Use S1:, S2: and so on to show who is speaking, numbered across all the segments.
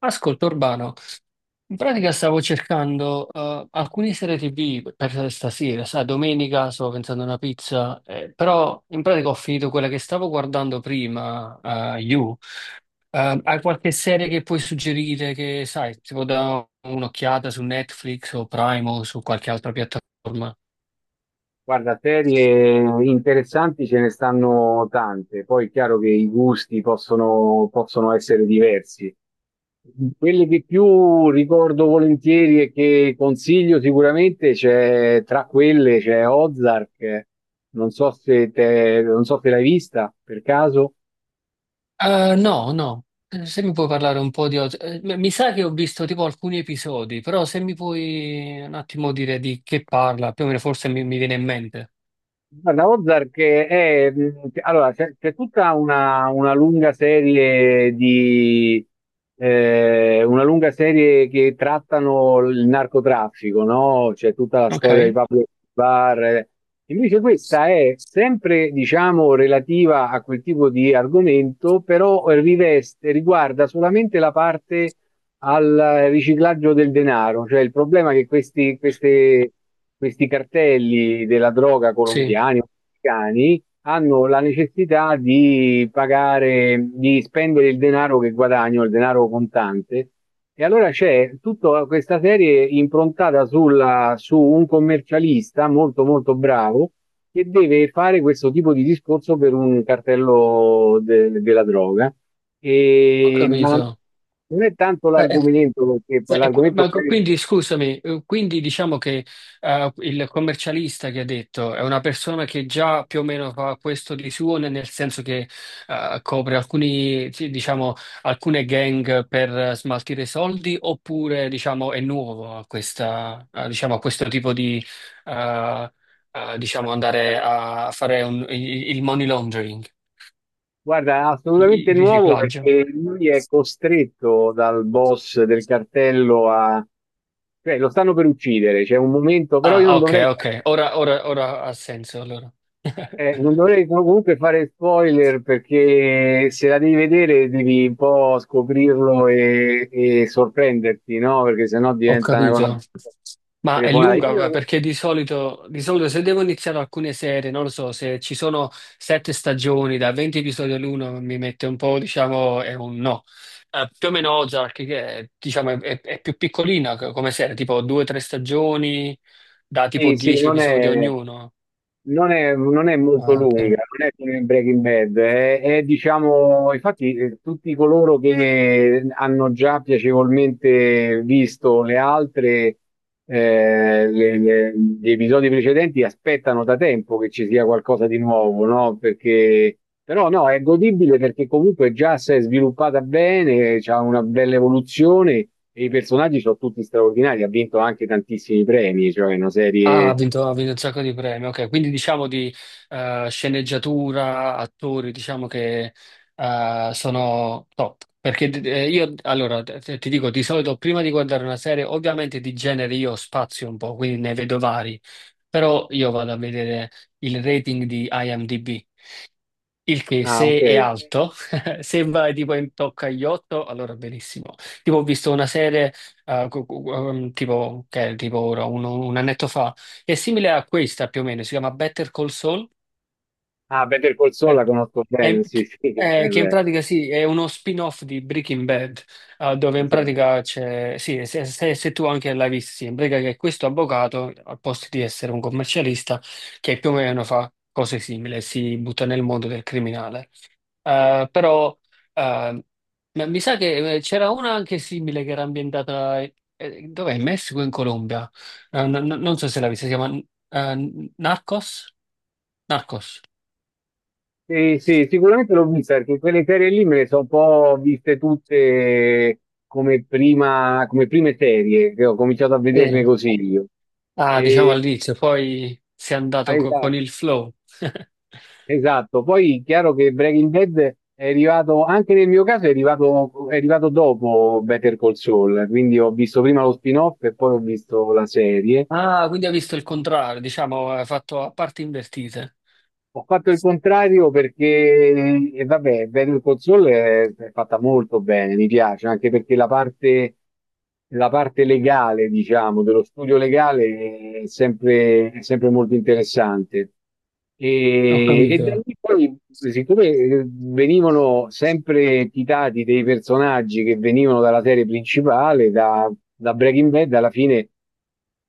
S1: Ascolta Urbano, in pratica stavo cercando alcune serie TV per stasera, sai, domenica stavo pensando a una pizza, però in pratica ho finito quella che stavo guardando prima, You. Hai qualche serie che puoi suggerire che, sai, si può dare un'occhiata su Netflix o Prime o su qualche altra piattaforma?
S2: Guarda, serie interessanti ce ne stanno tante, poi è chiaro che i gusti possono, possono essere diversi. Quelle che più ricordo volentieri e che consiglio sicuramente c'è, tra quelle c'è Ozark, non so se non so se l'hai vista per caso.
S1: No, no. Se mi puoi parlare un po' di... mi sa che ho visto tipo alcuni episodi, però se mi puoi un attimo dire di che parla, più o meno forse mi viene in mente.
S2: Guarda, Ozark è, allora, c'è tutta una lunga serie di, una lunga serie che trattano il narcotraffico, no? C'è tutta la
S1: Ok?
S2: storia di Pablo Escobar. Invece questa è sempre, diciamo, relativa a quel tipo di argomento, però riveste, riguarda solamente la parte al riciclaggio del denaro, cioè il problema è che questi, questi cartelli della droga
S1: Sì,
S2: colombiani o messicani hanno la necessità di pagare, di spendere il denaro che guadagnano, il denaro contante. E allora c'è tutta questa serie improntata su un commercialista molto molto bravo che deve fare questo tipo di discorso per un cartello della droga.
S1: ho
S2: E,
S1: capito.
S2: ma non è tanto l'argomento, perché poi l'argomento
S1: Quindi scusami, quindi diciamo che il commercialista che ha detto è una persona che già più o meno fa questo di suo, nel senso che copre alcuni, sì, diciamo, alcune gang per smaltire soldi, oppure diciamo, è nuovo a, questa, a, diciamo, a questo tipo di eh, diciamo, andare a fare il money laundering,
S2: Guarda, è
S1: il
S2: assolutamente
S1: il
S2: nuovo
S1: riciclaggio.
S2: perché lui è costretto dal boss del cartello a... cioè lo stanno per uccidere, c'è un momento, però io
S1: Ah,
S2: non
S1: ok,
S2: dovrei...
S1: ok, ora ha senso allora.
S2: Non dovrei comunque fare spoiler perché se la devi vedere devi un po' scoprirlo e sorprenderti, no? Perché sennò
S1: Ho
S2: diventa una cosa
S1: capito. Ma è
S2: telefonata.
S1: lunga ma perché di solito se devo iniziare alcune serie, non lo so, se ci sono sette stagioni da 20 episodi all'uno mi mette un po', diciamo, è un no. Più o meno Ozark, che è, diciamo, è più piccolina come serie, tipo due o tre stagioni da tipo
S2: Sì, sì,
S1: 10 episodi ognuno.
S2: non è molto lunga, non è come Breaking Bad, è, diciamo, infatti tutti coloro che hanno già piacevolmente visto le altre, gli episodi precedenti aspettano da tempo che ci sia qualcosa di nuovo, no? Perché, però no, è godibile perché comunque già si è sviluppata bene, c'ha una bella evoluzione. E i personaggi sono tutti straordinari, ha vinto anche tantissimi premi, cioè una
S1: Ah,
S2: serie...
S1: ha vinto un sacco di premi, ok. Quindi diciamo di sceneggiatura, attori, diciamo che sono top. Perché io, allora, ti dico, di solito prima di guardare una serie, ovviamente di genere io spazio un po', quindi ne vedo vari, però io vado a vedere il rating di IMDb. Il che,
S2: Ah, ok.
S1: se è alto, sembra tipo in tocca agli 8, allora benissimo. Tipo, ho visto una serie, tipo, che è tipo ora, un annetto fa, è simile a questa più o meno, si chiama Better Call Saul,
S2: Ah, Better Call Saul la
S1: eh,
S2: conosco
S1: è-
S2: bene, sì, sì,
S1: che in
S2: beh,
S1: pratica sì, è uno spin-off di Breaking Bad, dove in
S2: esatto.
S1: pratica c'è, sì, se tu anche l'hai visto, sì, in pratica che questo avvocato, al posto di essere un commercialista, che più o meno fa cose simili, si butta nel mondo del criminale. Però eh, ma mi sa che c'era una anche simile che era ambientata dov'è? In Messico o in Colombia? Non so se l'ha vista, si chiama Narcos? Narcos.
S2: Sì, sì, sicuramente l'ho vista, perché quelle serie lì me le sono un po' viste tutte come prima, come prime serie, che ho cominciato a vederle
S1: Sì.
S2: così io.
S1: Ah, diciamo
S2: E,
S1: all'inizio, poi si è
S2: ah,
S1: andato con
S2: esatto.
S1: il flow.
S2: Esatto, poi chiaro che Breaking Bad è arrivato, anche nel mio caso è arrivato dopo Better Call Saul, quindi ho visto prima lo spin-off e poi ho visto la serie.
S1: Ah, quindi ha visto il contrario, diciamo, ha fatto a parti invertite.
S2: Ho fatto il contrario perché, e vabbè, Better Call Saul è fatta molto bene, mi piace, anche perché la parte legale, diciamo, dello studio legale è sempre molto interessante.
S1: Ho
S2: E da
S1: capito.
S2: lì poi, siccome venivano sempre citati dei personaggi che venivano dalla serie principale, da, da Breaking Bad, alla fine.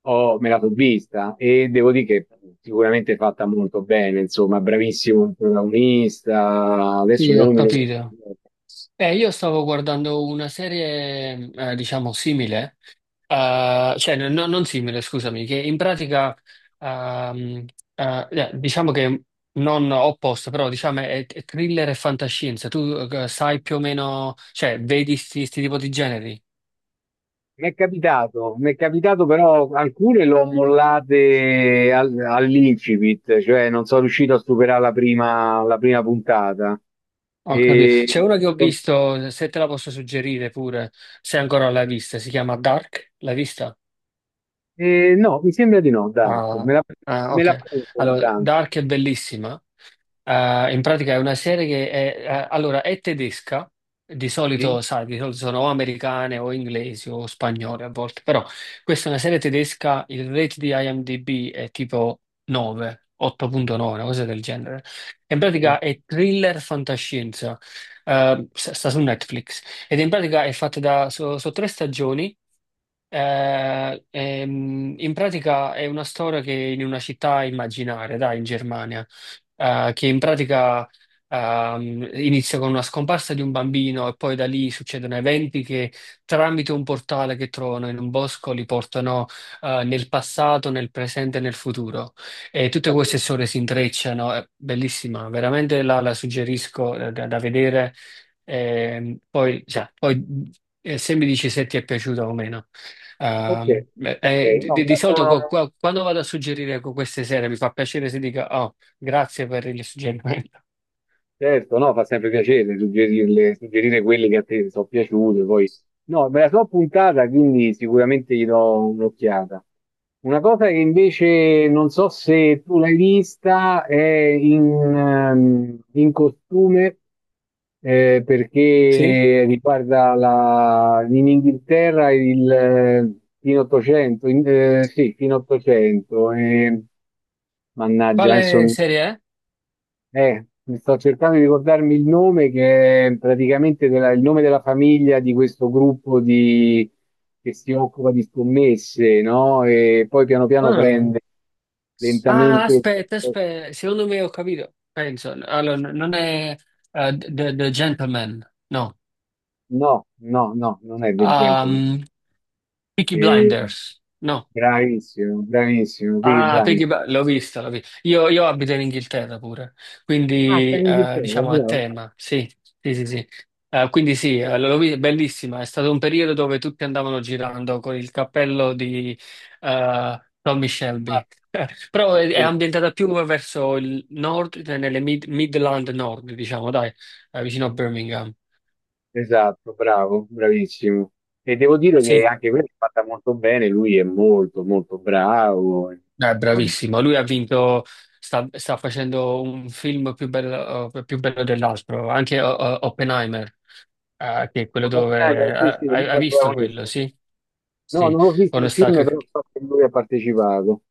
S2: Me la sono vista e devo dire che sicuramente è fatta molto bene, insomma, bravissimo il protagonista. Adesso
S1: Sì,
S2: il
S1: ho
S2: nome non mi
S1: capito.
S2: ricordo.
S1: Io stavo guardando una serie, diciamo, simile. Cioè, non simile, scusami, che in pratica, ehm, diciamo che non opposto, però diciamo è thriller e fantascienza. Tu sai più o meno, cioè, vedi sti tipo di generi?
S2: Mi è capitato però alcune l'ho mollate all'incipit, cioè non sono riuscito a superare la prima puntata.
S1: Ho capito.
S2: E,
S1: C'è uno che ho visto, se te la posso suggerire pure, se ancora l'hai vista, si chiama Dark, l'hai vista?
S2: e no, mi sembra di no, Dante.
S1: Ah,
S2: Me la
S1: ok.
S2: prendo ogni
S1: Allora,
S2: tanto.
S1: Dark è bellissima. In pratica è una serie che è, allora, è tedesca, di
S2: Sì?
S1: solito, sai, di solito sono o americane o inglesi o spagnole a volte, però questa è una serie tedesca, il rate di IMDb è tipo 9, 8.9, una cosa del genere. In pratica è thriller fantascienza, sta su Netflix ed in pratica è fatta da, so tre stagioni, in pratica è una storia che in una città immaginaria, dai, in Germania, che in pratica inizia con una scomparsa di un bambino e poi da lì succedono eventi che tramite un portale che trovano in un bosco li portano nel passato, nel presente e nel futuro. E tutte queste
S2: Ok,
S1: storie si intrecciano, è bellissima, veramente la suggerisco da vedere. Poi, cioè, poi se mi dici se ti è piaciuta o meno.
S2: ok,
S1: Beh,
S2: ok, no, me
S1: di
S2: la
S1: solito
S2: sono
S1: quando vado a suggerire con queste serie mi fa piacere se dica oh, grazie per il suggerimento.
S2: Certo, no, fa sempre piacere suggerirle, suggerire quelle che a te sono piaciute, poi... No, me la so puntata, quindi sicuramente gli do un'occhiata. Una cosa che invece non so se tu l'hai vista è in, in costume,
S1: Sì?
S2: perché riguarda la, in Inghilterra il fine 800, sì, fine 800, mannaggia, adesso
S1: Quale serie è?
S2: mi sto cercando di ricordarmi il nome che è praticamente il nome della famiglia di questo gruppo che si occupa di scommesse, no? E poi piano piano
S1: Ah,
S2: prende
S1: ah,
S2: lentamente.
S1: aspetta, aspetta, secondo me ho capito. Penso, allora, non è The Gentleman, no.
S2: No, no, no, non è del genere.
S1: Ehm, Peaky
S2: Eh,
S1: Blinders, no.
S2: bravissimo, bravissimo, Peaky
S1: Ah,
S2: Blinders.
S1: L'ho vista, l'ho vista. Io abito in Inghilterra pure,
S2: Ah, sta
S1: quindi
S2: in Inghilterra,
S1: diciamo a
S2: allora.
S1: tema, Sì, sì. Quindi sì,
S2: Eh,
S1: l'ho vista, bellissima, è stato un periodo dove tutti andavano girando con il cappello di Tommy Shelby.
S2: guarda.
S1: Però è ambientata più verso il nord, cioè nelle Midland Nord, diciamo, dai, vicino a Birmingham.
S2: Esatto, bravo, bravissimo. E devo dire che
S1: Sì.
S2: anche quella è fatta molto bene, lui è molto molto bravo. E vabbè.
S1: Bravissimo, lui ha vinto, sta facendo un film più bello dell'altro, anche Oppenheimer, che è quello
S2: Non ho
S1: dove...
S2: finale, sì, sì, lui fa
S1: hai
S2: il
S1: visto quello,
S2: protagonista.
S1: sì?
S2: No,
S1: Sì,
S2: non ho visto
S1: quando
S2: il
S1: sta...
S2: film, però so che lui ha partecipato.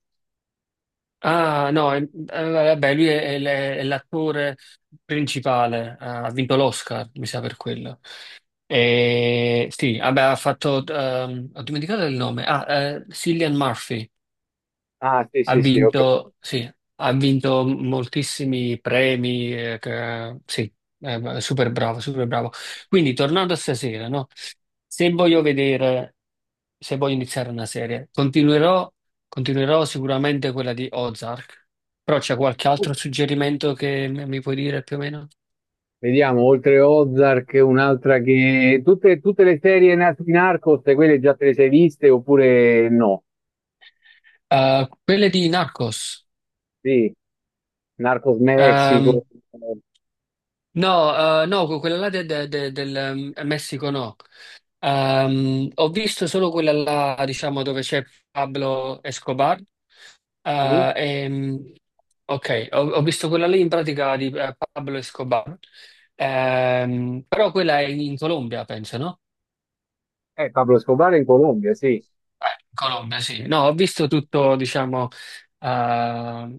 S1: ah, no, vabbè, lui è, è l'attore principale, ha vinto l'Oscar, mi sa per quello. E, sì, vabbè, ha fatto... ho dimenticato il nome. Ah, Cillian Murphy.
S2: Ah, sì,
S1: Ha
S2: sì, sì, ok.
S1: vinto, sì, ha vinto moltissimi premi, sì, super bravo, super bravo. Quindi, tornando a stasera, no? Se voglio vedere, se voglio iniziare una serie, continuerò, continuerò sicuramente quella di Ozark, però c'è qualche altro suggerimento che mi puoi dire più o meno?
S2: Vediamo, oltre Ozark, un'altra che... Tutte, tutte le serie di Narcos, quelle già te le sei viste oppure no?
S1: Quelle di Narcos.
S2: Sì, Narcos
S1: Ehm,
S2: Mexico,
S1: no, no, quella là del Messico no. Ho visto solo quella là, diciamo, dove c'è Pablo Escobar.
S2: sì.
S1: Eh, ehm, ok, ho visto quella lì in pratica di Pablo Escobar. Però quella è in Colombia, penso, no?
S2: Pablo Escobar in Colombia, sì.
S1: In Colombia, sì. No, ho visto tutto, diciamo, eh,